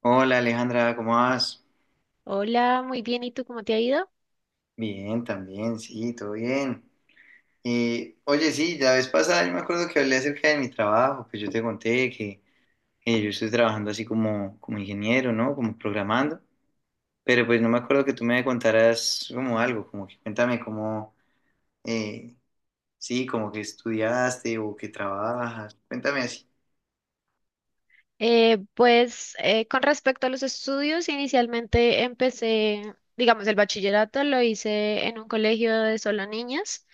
Hola Alejandra, ¿cómo vas? Hola, muy bien. ¿Y tú cómo te ha ido? Bien, también, sí, todo bien. Oye, sí, la vez pasada yo me acuerdo que hablé acerca de mi trabajo, que yo te conté que yo estoy trabajando así como ingeniero, ¿no? Como programando, pero pues no me acuerdo que tú me contaras como algo, como que cuéntame cómo, eh, sí, como que estudiaste o que trabajas, cuéntame así. Con respecto a los estudios, inicialmente empecé, digamos, el bachillerato lo hice en un colegio de solo niñas.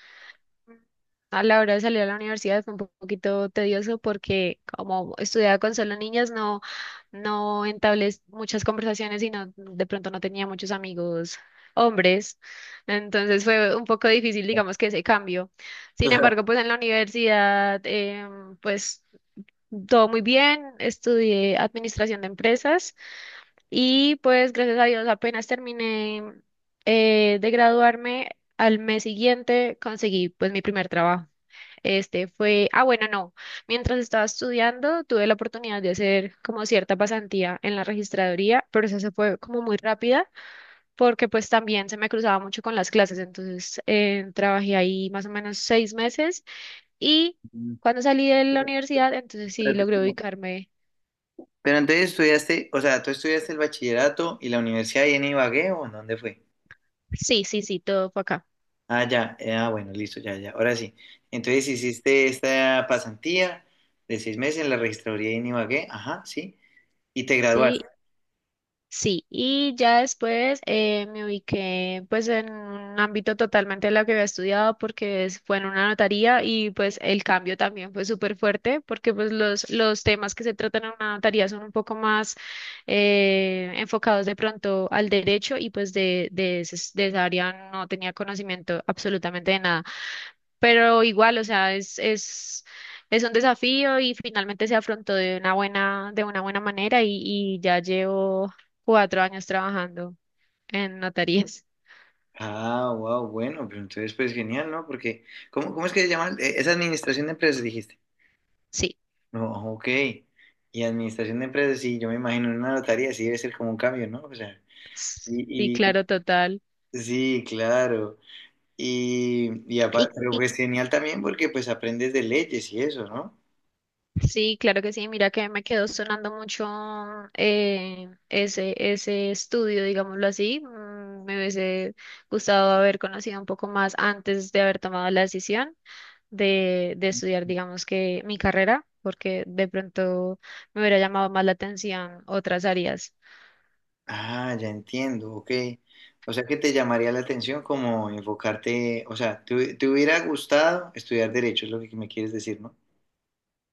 A la hora de salir a la universidad fue un poquito tedioso porque como estudiaba con solo niñas, no, no entablé muchas conversaciones y no, de pronto no tenía muchos amigos hombres. Entonces fue un poco difícil, digamos, que ese cambio. Sin embargo, pues en la universidad, pues todo muy bien, estudié administración de empresas y pues gracias a Dios apenas terminé de graduarme, al mes siguiente conseguí pues mi primer trabajo. Este fue, ah, bueno, no, mientras estaba estudiando tuve la oportunidad de hacer como cierta pasantía en la registraduría, pero eso se fue como muy rápida porque pues también se me cruzaba mucho con las clases, entonces trabajé ahí más o menos 6 meses y... Cuando salí de la Claro. Pero universidad, entonces sí espérate, logré ubicarme. pero entonces estudiaste, o sea, ¿tú estudiaste el bachillerato y la universidad ahí en Ibagué o en dónde fue? Sí, sí, sí, todo fue acá. Ah, ya, ah, bueno, listo, ya, ya, ahora sí. Entonces hiciste esta pasantía de 6 meses en la registraduría de Inbagué, ajá, sí, y te graduaste. Sí, sí. Y ya después, me ubiqué pues en un ámbito totalmente de lo que había estudiado porque fue en una notaría y pues el cambio también fue súper fuerte porque pues los temas que se tratan en una notaría son un poco más enfocados de pronto al derecho y pues de esa área no tenía conocimiento absolutamente de nada. Pero igual, o sea, es un desafío y finalmente se afrontó de una buena manera y ya llevo 4 años trabajando en notarías. Ah, wow, bueno, pero entonces pues genial, ¿no? Porque, ¿cómo es que se llama? Es administración de empresas, dijiste. Sí, No, ok. Y administración de empresas, sí, yo me imagino en una notaría, sí debe ser como un cambio, ¿no? O sea, sí, y, y- claro, total. sí, claro. Y aparte, pero Y pues genial también porque pues aprendes de leyes y eso, ¿no? sí, claro que sí? Mira que me quedó sonando mucho ese estudio, digámoslo así. Me hubiese gustado haber conocido un poco más antes de haber tomado la decisión de estudiar, digamos que mi carrera, porque de pronto me hubiera llamado más la atención otras áreas. Ah, ya entiendo, ok. O sea que te llamaría la atención como enfocarte, o sea, te hubiera gustado estudiar derecho, es lo que me quieres decir, ¿no?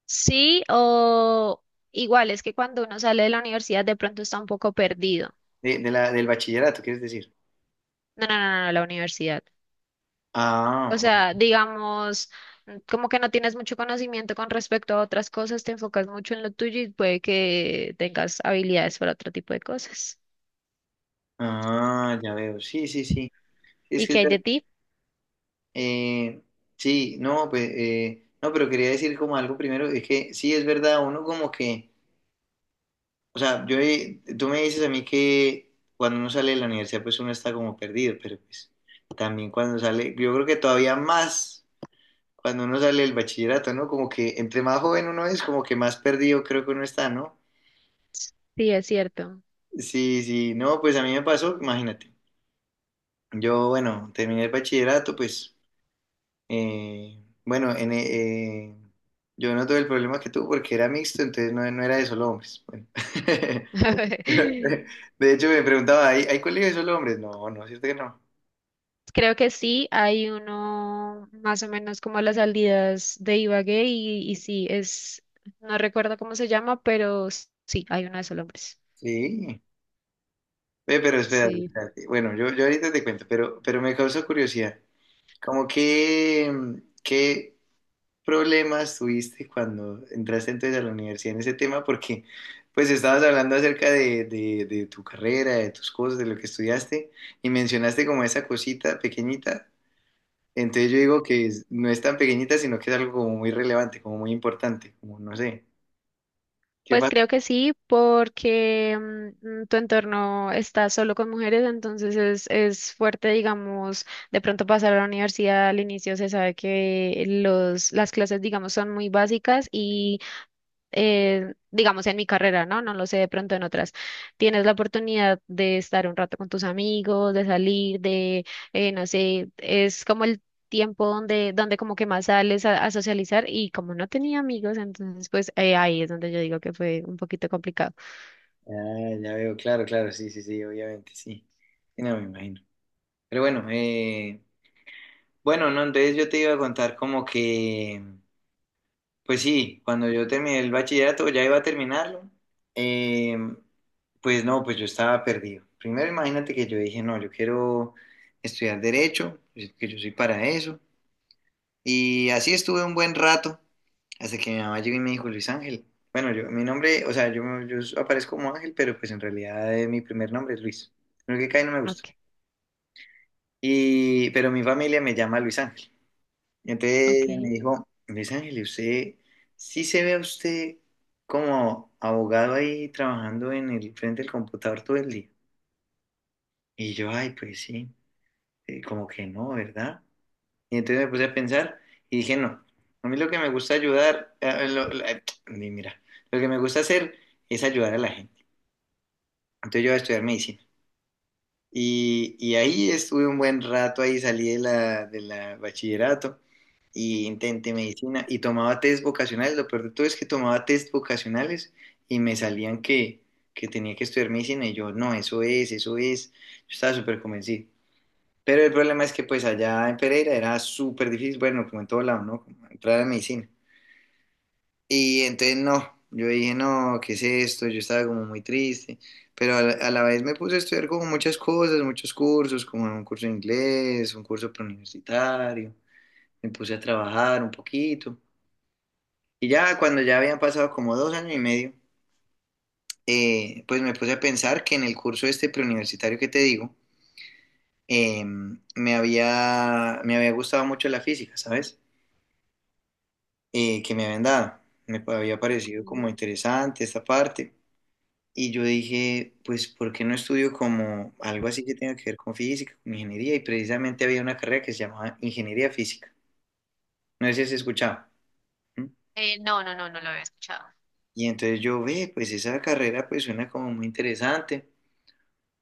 Sí, o igual es que cuando uno sale de la universidad de pronto está un poco perdido. Del bachillerato, quieres decir. No, no, no, no, la universidad. O Ah, sea, digamos, como que no tienes mucho conocimiento con respecto a otras cosas, te enfocas mucho en lo tuyo y puede que tengas habilidades para otro tipo de cosas. ah, ya veo, sí, sí, sí. Es ¿Y que, qué es hay ver- de ti? eh, sí, no, pues, no, pero quería decir como algo primero, es que sí, es verdad, uno como que, o sea, tú me dices a mí que cuando uno sale de la universidad, pues uno está como perdido, pero pues también cuando sale, yo creo que todavía más. Cuando uno sale del bachillerato, ¿no? Como que entre más joven uno es, como que más perdido creo que uno está, ¿no? Sí, es cierto. Sí, sí, no, pues a mí me pasó, imagínate. Yo, bueno, terminé el bachillerato, pues, eh, bueno, en, eh, yo no tuve el problema que tú porque era mixto, entonces no era de solo hombres. Bueno. De hecho, me preguntaba, ¿hay colegio de solo hombres? No, no, cierto que no. Creo que sí, hay uno más o menos como a las salidas de Ibagué y sí, es, no recuerdo cómo se llama, pero sí, hay uno de esos hombres. Sí, ve, pero espérate, espérate. Bueno, yo ahorita te cuento, pero, me causó curiosidad. Como que, ¿que problemas tuviste cuando entraste entonces a la universidad en ese tema? Porque pues estabas hablando acerca de tu carrera, de tus cosas, de lo que estudiaste y mencionaste como esa cosita pequeñita. Entonces yo digo que no es tan pequeñita, sino que es algo como muy relevante, como muy importante, como no sé. ¿Qué Pues pasa? creo que sí, porque tu entorno está solo con mujeres, entonces es fuerte, digamos, de pronto pasar a la universidad al inicio se sabe que las clases, digamos, son muy básicas y digamos, en mi carrera, ¿no? No lo sé, de pronto en otras. Tienes la oportunidad de estar un rato con tus amigos, de salir, no sé, es como el tiempo donde, donde como que más sales a socializar y como no tenía amigos, entonces pues ahí es donde yo digo que fue un poquito complicado. Ah, ya veo, claro, claro, sí, sí, sí, obviamente, sí. Sí. No, me imagino. Pero bueno, bueno, no, entonces yo te iba a contar como que... Pues sí, cuando yo terminé el bachillerato, ya iba a terminarlo, eh, pues no, pues yo estaba perdido. Primero imagínate que yo dije, no, yo quiero estudiar derecho, pues, que yo soy para eso. Y así estuve un buen rato, hasta que mi mamá llegó y me dijo, Luis Ángel. Bueno, yo, mi nombre, o sea, yo aparezco como Ángel, pero pues en realidad mi primer nombre es Luis. Lo que cae no me gusta. Ok, Y, pero mi familia me llama Luis Ángel. Y entonces ella me ok. dijo, Luis Ángel, usted sí se ve a usted como abogado ahí trabajando en el frente del computador todo el día. Y yo, ay, pues sí, como que no, ¿verdad? Y entonces me puse a pensar y dije, no, a mí lo que me gusta ayudar, mira, lo que me gusta hacer es ayudar a la gente. Entonces yo voy a estudiar medicina. Y ahí estuve un buen rato, ahí salí de la, bachillerato y intenté medicina y tomaba test vocacionales. Lo peor de todo es que tomaba test vocacionales y me salían que tenía que estudiar medicina y yo, no, eso es, eso es. Yo estaba súper convencido. Pero el problema es que pues allá en Pereira era súper difícil, bueno, como en todo lado, ¿no? Como entrar a medicina. Y entonces no, yo dije, no, ¿qué es esto? Yo estaba como muy triste, pero a la vez me puse a estudiar como muchas cosas, muchos cursos, como un curso de inglés, un curso preuniversitario, me puse a trabajar un poquito. Y ya cuando ya habían pasado como 2 años y medio, pues me puse a pensar que en el curso este preuniversitario que te digo, eh, me había gustado mucho la física, ¿sabes? Que me habían dado. Me había parecido Mm. como interesante esta parte. Y yo dije, pues, ¿por qué no estudio como algo así que tenga que ver con física, con ingeniería? Y precisamente había una carrera que se llamaba ingeniería física. No sé si has escuchado. ¿Mm? No, no, no, no lo había escuchado. Y entonces yo, ve, pues esa carrera pues suena como muy interesante.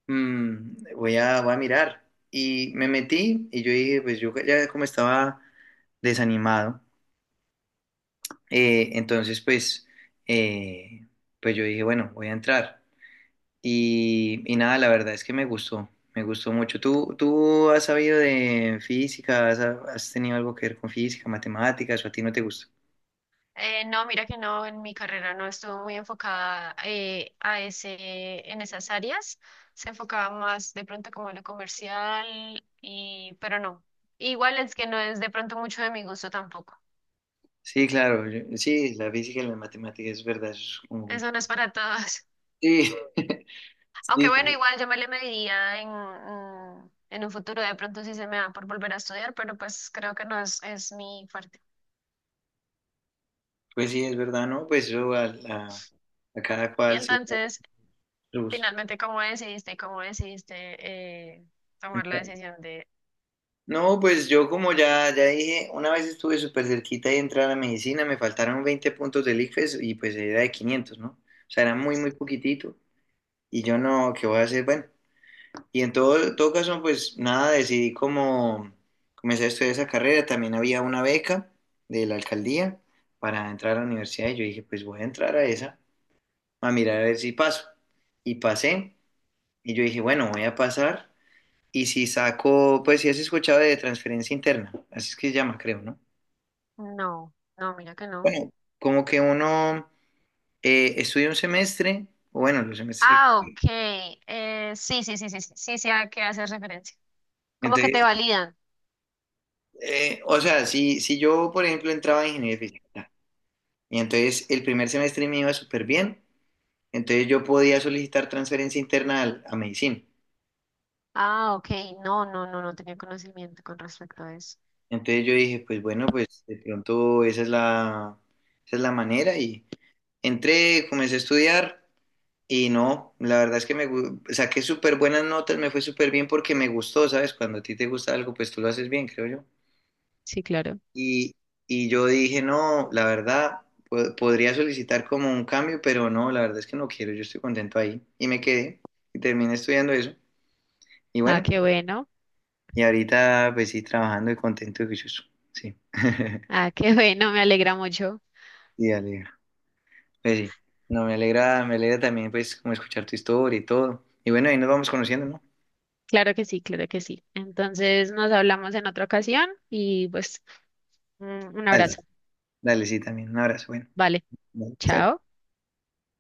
Voy a, mirar. Y me metí y yo dije, pues yo ya como estaba desanimado, entonces pues, eh, pues yo dije, bueno, voy a entrar. Y nada, la verdad es que me gustó mucho. ¿Tú has sabido de física? ¿Has tenido algo que ver con física, matemáticas o a ti no te gusta? No, mira que no, en mi carrera no estuvo muy enfocada en esas áreas. Se enfocaba más de pronto como a lo comercial, y, pero no. Igual es que no es de pronto mucho de mi gusto tampoco. Sí, claro, sí, la física y la matemática es verdad, eso es como compli- Eso no es para todos. Sí, Aunque bueno, sí, igual yo me le mediría en, en un futuro, de pronto sí se me da por volver a estudiar, pero pues creo que no es, es mi fuerte. pues sí, es verdad, ¿no? Pues eso a cada Y cual sí entonces, le gusta. finalmente, ¿cómo decidiste? ¿Cómo decidiste eh, tomar la decisión de No, pues yo como ya dije, una vez estuve súper cerquita de entrar a medicina, me faltaron 20 puntos del ICFES y pues era de 500, ¿no? O sea, era muy, muy poquitito. Y yo no, ¿qué voy a hacer? Bueno, y en todo caso, pues nada, decidí como comenzar a estudiar esa carrera. También había una beca de la alcaldía para entrar a la universidad y yo dije, pues voy a entrar a esa, a mirar a ver si paso. Y pasé y yo dije, bueno, voy a pasar. Y si saco, pues si has escuchado de transferencia interna, así es que se llama, creo, ¿no? no? No, mira que no. Bueno, como que uno estudia un semestre, o bueno, los semestres Ah, que... ok. Sí, sí, sí, sí, sí, sí, sí, a qué haces referencia. ¿Cómo que Entonces, te validan? O sea, si yo, por ejemplo, entraba en ingeniería física y entonces el primer semestre me iba súper bien, entonces yo podía solicitar transferencia interna a medicina. Ah, ok. No, no, no, no tenía conocimiento con respecto a eso. Entonces yo dije, pues bueno, pues de pronto esa es la, manera y entré, comencé a estudiar y no, la verdad es que saqué súper buenas notas, me fue súper bien porque me gustó, ¿sabes? Cuando a ti te gusta algo, pues tú lo haces bien, creo yo. Sí, claro. Y, y yo dije, no, la verdad, podría solicitar como un cambio, pero no, la verdad es que no quiero, yo estoy contento ahí. Y me quedé y terminé estudiando eso. Y Ah, bueno, qué bueno. y ahorita pues sí, trabajando y contento y juicioso. Sí. Ah, qué bueno, me alegra mucho. Sí, alegra. Pues sí. No, me alegra también pues como escuchar tu historia y todo. Y bueno, ahí nos vamos conociendo, ¿no? Claro que sí, claro que sí. Entonces nos hablamos en otra ocasión y pues un un abrazo. Dale, sí, también. Un abrazo, bueno. Vale, Dale, chao. chao.